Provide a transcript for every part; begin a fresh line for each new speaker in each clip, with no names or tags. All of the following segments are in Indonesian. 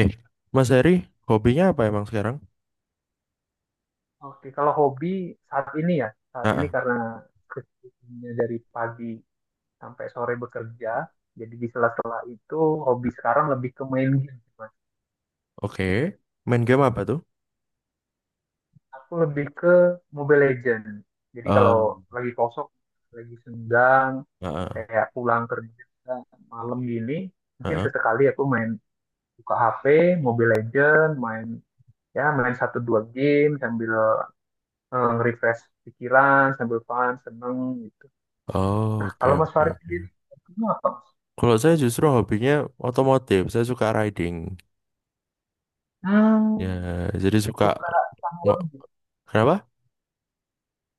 Eh, Mas Heri, hobinya apa emang sekarang?
Oke, kalau hobi saat ini ya,
Ah,
saat ini
ah,
karena kesibukannya dari pagi sampai sore bekerja, jadi di sela-sela itu hobi sekarang lebih ke main game, Mas.
oke. Main game apa tuh?
Aku lebih ke Mobile Legends. Jadi kalau
Um,
lagi kosong, lagi senggang,
ah, ah,
kayak pulang kerja malam gini,
ah,
mungkin
ah.
sesekali aku main buka HP, Mobile Legends, main satu dua game sambil nge-refresh pikiran, sambil fun, seneng.
Oh,
Nah,
oke,
kalau Mas
oke,
Farid
oke.
sendiri, hobinya apa, Mas?
Kalau saya justru hobinya otomotif. Saya suka riding.
Hmm,
Ya, jadi suka
suka sama
ngo- Kenapa?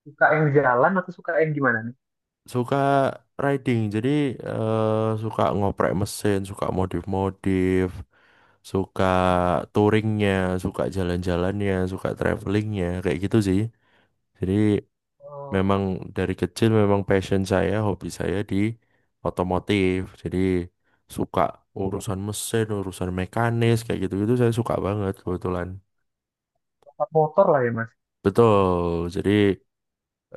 suka yang jalan atau suka yang gimana nih?
Suka riding. Jadi suka ngoprek mesin, suka modif-modif, suka
Hmm.
touringnya, suka jalan-jalannya, suka travelingnya, kayak gitu sih. Jadi
Oh,
memang dari kecil memang passion saya, hobi saya di otomotif. Jadi suka urusan mesin, urusan mekanis kayak gitu-gitu saya suka banget kebetulan.
suka motor lah ya, Mas.
Betul. Jadi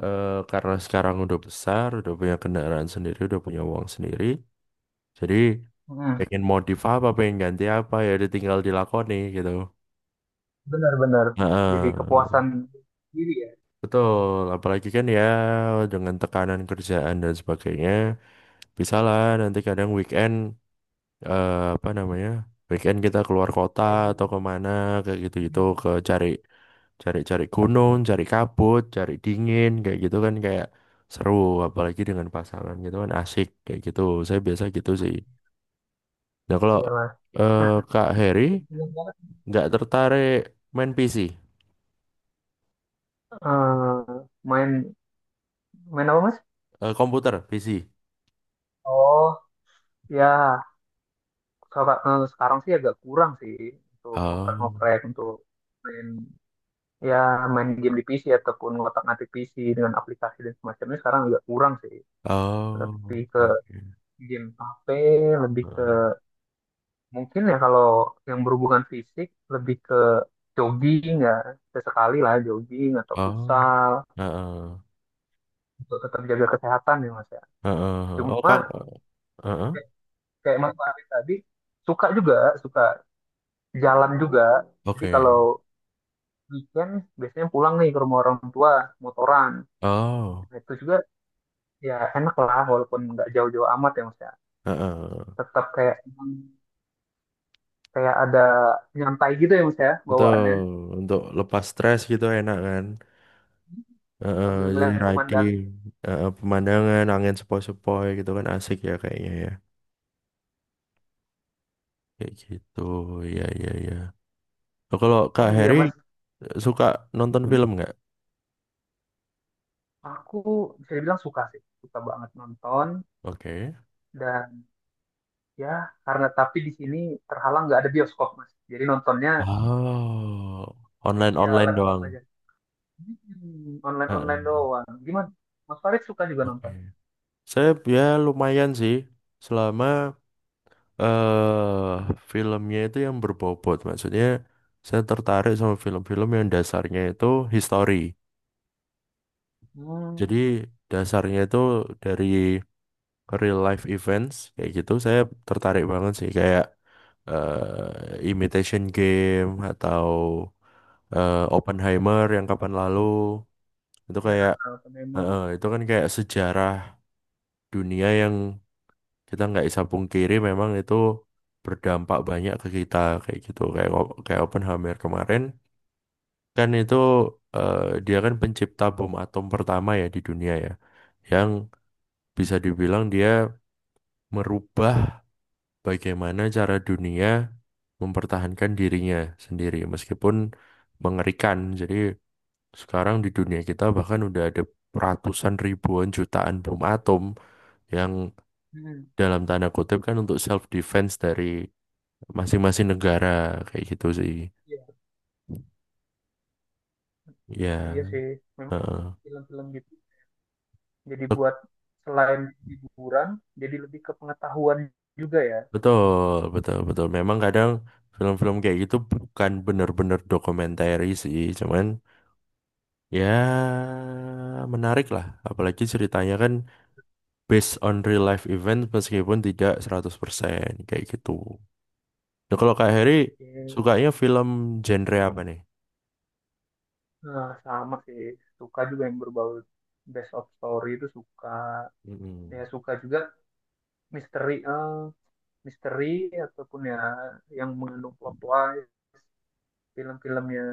karena sekarang udah besar, udah punya kendaraan sendiri, udah punya uang sendiri. Jadi
Hmm,
pengen modif apa, pengen ganti apa ya udah tinggal dilakoni gitu.
benar-benar. Jadi
Heeh.
kepuasan diri ya.
Betul, apalagi kan ya dengan tekanan kerjaan dan sebagainya, bisalah nanti kadang weekend apa namanya weekend kita keluar kota
Kayak
atau
gini.
kemana kayak gitu-gitu ke
Hmm,
cari cari-cari gunung, cari kabut, cari dingin kayak gitu kan kayak seru apalagi dengan pasangan gitu kan asik kayak gitu. Saya biasa gitu sih. Nah, kalau
iya Mas.
eh,
Nah,
Kak Heri
kebetulan banget,
nggak tertarik main PC,
eh, main main apa Mas?
eh, komputer, PC.
Oh, ya. Sekarang sih agak kurang sih untuk
Oh,
ngoprek-ngoprek untuk main ya main game di PC ataupun ngotak-ngatik PC dengan aplikasi dan semacamnya sekarang agak kurang sih, lebih
oh,
ke
oke, oke.
game HP, lebih ke
Heeh.
mungkin ya kalau yang berhubungan fisik lebih ke jogging ya, sesekali lah jogging atau
Oh,
futsal
heeh,
untuk tetap jaga kesehatan ya mas ya,
heeh, heeh. Oh,
cuma
Kak, heeh,
kayak kayak Mas Farid tadi suka juga, suka jalan juga. Jadi kalau
oke.
weekend biasanya pulang nih ke rumah orang tua, motoran.
Oh.
Nah, itu juga ya enak lah walaupun nggak jauh-jauh amat ya mas ya,
Heeh,
tetap kayak kayak ada nyantai gitu ya mas ya
betul.
bawaannya,
Untuk lepas stres gitu enak kan. Heeh,
sambil
jadi
ngeliat pemandangan.
riding, heeh, pemandangan, angin sepoi-sepoi gitu kan asik ya kayaknya ya. Kayak gitu, ya ya ya. Oh, kalau Kak
Oh iya
Heri
mas.
suka nonton
Hah?
film nggak?
Aku bisa dibilang suka sih, suka banget nonton.
Oke.
Dan ya tapi di sini terhalang nggak ada bioskop mas, jadi nontonnya
Oh,
ya
online-online
laptop
doang.
aja, online online
Heeh.
doang, gimana mas Farid, suka juga
Oke.
nonton?
Saya ya lumayan sih. Selama eh filmnya itu yang berbobot. Maksudnya saya tertarik sama film-film yang dasarnya itu history.
Hmm,
Jadi dasarnya itu dari real life events kayak gitu. Saya tertarik banget sih kayak Imitation Game atau Oppenheimer yang kapan lalu itu
ya
kayak
memang.
itu kan kayak sejarah dunia yang kita nggak bisa pungkiri memang itu berdampak banyak ke kita kayak gitu kayak kayak Oppenheimer kemarin kan itu eh, dia kan pencipta bom atom pertama ya di dunia ya yang bisa dibilang dia merubah bagaimana cara dunia mempertahankan dirinya sendiri meskipun mengerikan jadi sekarang di dunia kita bahkan udah ada ratusan ribuan jutaan bom atom yang
Hmm,
dalam tanda kutip kan untuk self defense dari masing-masing negara kayak gitu sih.
iya
Ya,
iya sih, memang
heeh.
film-film gitu. Jadi
Bet-
buat selain hiburan, jadi lebih ke pengetahuan juga ya.
Betul, betul, betul. Memang kadang film-film kayak gitu bukan benar-benar dokumenter sih, cuman ya menarik lah. Apalagi ceritanya kan based on real life event meskipun tidak 100% kayak gitu. Nah, kalau Kak Heri
Oke.
sukanya film genre apa nih?
Nah, sama sih, suka juga yang berbau best of story itu suka.
Mm-mm.
Ya suka juga misteri, misteri ataupun ya yang mengandung plot twist. Film-filmnya,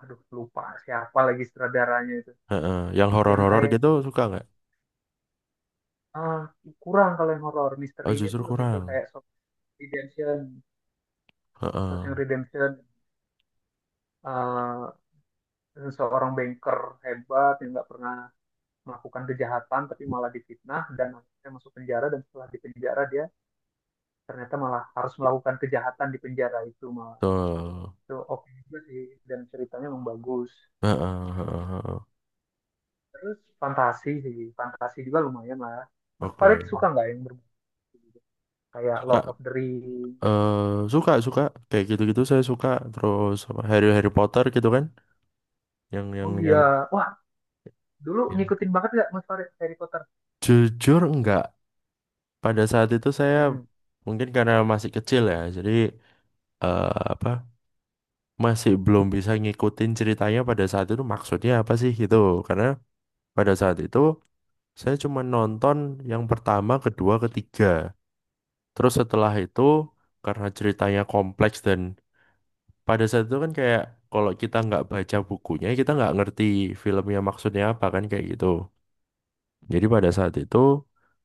aduh lupa siapa lagi sutradaranya itu.
Heeh. Yang
Yang
horor-horor
kayak
gitu suka nggak?
ah, kurang kalau yang horor,
Oh,
misterinya itu
justru
lebih ke
kurang.
kayak Shawshank Redemption.
Heeh.
Shawshank Redemption, eh, seorang banker hebat yang nggak pernah melakukan kejahatan tapi malah difitnah dan akhirnya masuk penjara, dan setelah di penjara dia ternyata malah harus melakukan kejahatan di penjara itu malah,
Betul.
itu oke juga sih, dan ceritanya memang bagus.
Heeh, heeh, heeh.
Terus fantasi sih, fantasi juga lumayan lah. Mas
Oke,
Farid suka nggak yang berbunyi gitu? Kayak
suka
Lord of the Ring.
eh suka suka kayak gitu-gitu saya suka terus apa, Harry Harry Potter gitu kan
Oh iya,
yang
wah, dulu
yang-
ngikutin banget nggak Mas Farid Harry Potter?
jujur enggak pada saat itu saya
Mm-mm.
mungkin karena masih kecil ya jadi apa masih belum bisa ngikutin ceritanya pada saat itu maksudnya apa sih gitu karena pada saat itu saya cuma nonton yang pertama kedua ketiga terus setelah itu karena ceritanya kompleks dan pada saat itu kan kayak kalau kita nggak baca bukunya kita nggak ngerti filmnya maksudnya apa kan kayak gitu jadi pada saat itu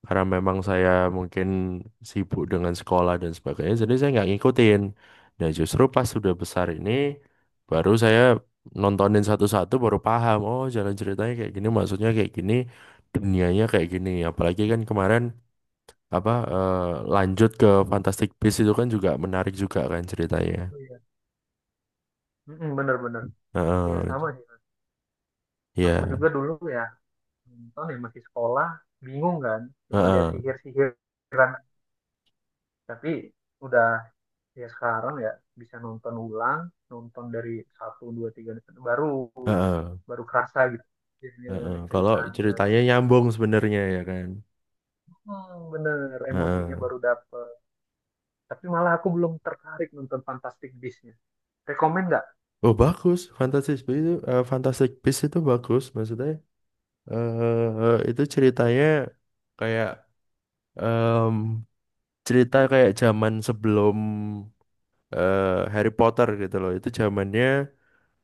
karena memang saya mungkin sibuk dengan sekolah dan sebagainya jadi saya nggak ngikutin nah justru pas sudah besar ini baru saya nontonin satu-satu baru paham oh jalan ceritanya kayak gini maksudnya kayak gini dunianya kayak gini apalagi kan kemarin apa lanjut ke Fantastic Beasts itu kan juga menarik juga kan ceritanya.
Oh iya. Mm-mm, bener-bener. Iya sama
Heeh,
sih. Aku
ya.
juga dulu ya nonton ya masih sekolah, bingung kan, cuma lihat
Heeh,
sihir-sihiran. Tapi udah ya sekarang ya bisa nonton ulang, nonton dari satu, dua, tiga, baru
heeh,
baru kerasa gitu. Sihirnya,
heeh. Kalau
ceritanya,
ceritanya nyambung sebenarnya ya kan.
hmm, bener emosinya
Heeh.
baru dapet. Tapi malah aku belum tertarik nonton Fantastic Beasts-nya. Rekomen nggak?
Oh bagus, Fantastic Beasts itu, Fantastic Beasts itu bagus maksudnya. Eh itu ceritanya kayak em, cerita kayak zaman sebelum eh, Harry Potter gitu loh. Itu zamannya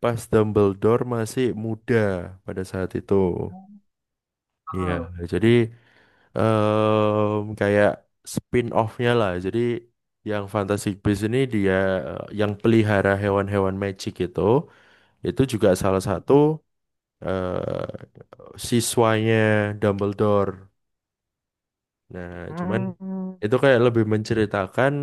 pas Dumbledore masih muda pada saat itu.
Hmm.
Iya, jadi kayak spin-off-nya lah. Jadi yang Fantastic Beasts ini dia yang pelihara hewan-hewan magic itu juga salah satu eh, siswanya Dumbledore. Nah, cuman
Hmm,
itu kayak lebih menceritakan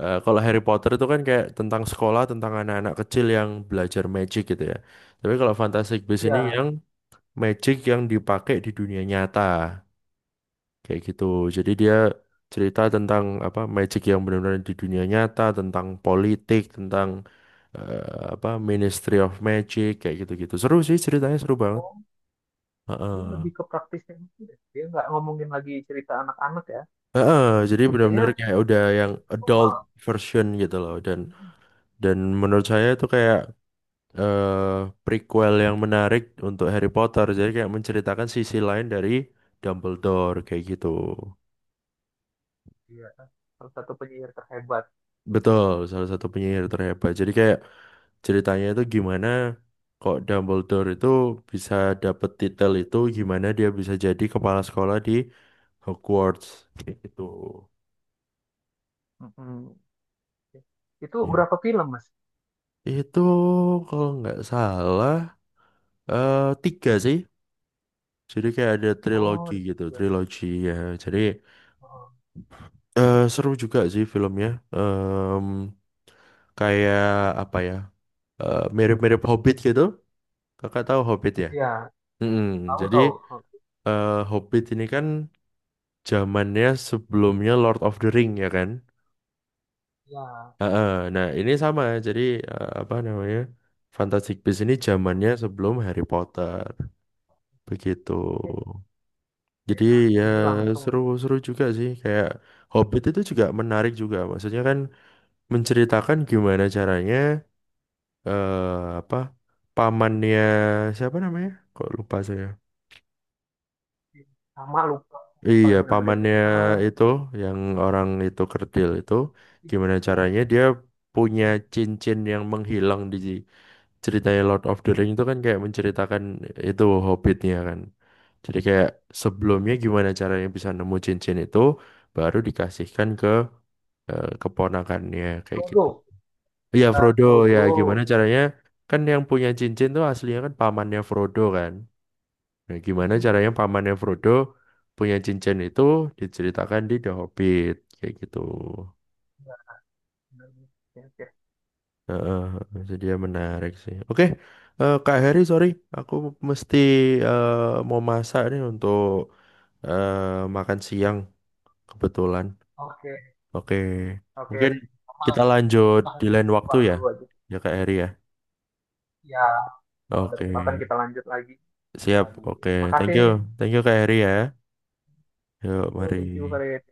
kalau Harry Potter itu kan kayak tentang sekolah, tentang anak-anak kecil yang belajar magic gitu ya. Tapi kalau Fantastic Beasts ini
ya.
yang magic yang dipakai di dunia nyata. Kayak gitu. Jadi dia cerita tentang apa magic yang benar-benar di dunia nyata, tentang politik, tentang apa Ministry of Magic kayak gitu-gitu. Seru sih ceritanya seru banget.
Oh, dia
Heeh.
lebih ke praktisnya gitu deh. Dia nggak ngomongin lagi cerita anak-anak ya.
Heeh, jadi benar-benar
Kayaknya
kayak udah yang
kok
adult
malah,
version gitu loh dan menurut saya itu kayak eh, prequel yang menarik untuk Harry Potter. Jadi kayak menceritakan sisi lain dari Dumbledore kayak gitu.
iya, salah satu penyiar terhebat.
Betul, salah satu penyihir terhebat. Jadi kayak ceritanya itu gimana kok Dumbledore itu bisa dapet titel itu gimana dia bisa jadi kepala sekolah di Hogwarts kayak gitu
Mm-mm. Itu
ya
berapa film, Mas?
itu kalau nggak salah tiga sih jadi kayak ada
Oh,
trilogi
ada
gitu
tiga.
trilogi ya jadi
Oh,
seru juga sih filmnya. Em, kayak apa ya mirip-mirip Hobbit gitu kakak tahu Hobbit ya.
ya.
Mm-mm.
Tahu
Jadi
tahu. Oh,
Hobbit ini kan zamannya sebelumnya Lord of the Ring ya kan?
ya.
Heeh. Nah, ini sama. Jadi apa namanya? Fantastic Beasts ini
Ada itu.
zamannya sebelum Harry Potter. Begitu.
Oke,
Jadi
kayaknya di
ya
sini langsung
seru-seru juga sih kayak Hobbit itu juga menarik juga. Maksudnya kan menceritakan gimana caranya apa pamannya siapa namanya? Kok lupa saya.
sama lupa apa
Iya,
lagi nama dia tuh.
pamannya itu yang orang itu kerdil itu gimana caranya dia punya
Hmm.
cincin yang menghilang di ceritanya Lord of the Ring itu kan kayak menceritakan itu hobbitnya kan. Jadi kayak sebelumnya gimana caranya bisa nemu cincin itu baru dikasihkan ke keponakannya kayak gitu.
Frodo.
Iya Frodo ya gimana
Frodo.
caranya kan yang punya cincin tuh aslinya kan pamannya Frodo kan. Nah, gimana
Hmm.
caranya pamannya Frodo punya cincin itu diceritakan di The Hobbit kayak gitu.
Ya. Benar.
Heeh, jadi ya menarik sih. Oke, Kak Heri, sorry, aku mesti eh, mau masak nih untuk eh, makan siang kebetulan.
Oke, oke.
Oke,
Oke, oke.
mungkin
Sama
kita lanjut di
nih,
lain waktu
keluar
ya,
dulu aja.
ya Kak Heri ya.
Ya, kalau ada
Oke,
kesempatan kita lanjut lagi.
siap.
Lagi.
Oke, thank
Makasih nih.
you, thank you Kak Heri ya. Yuk,
Oh,
mari.
thank you, Farid.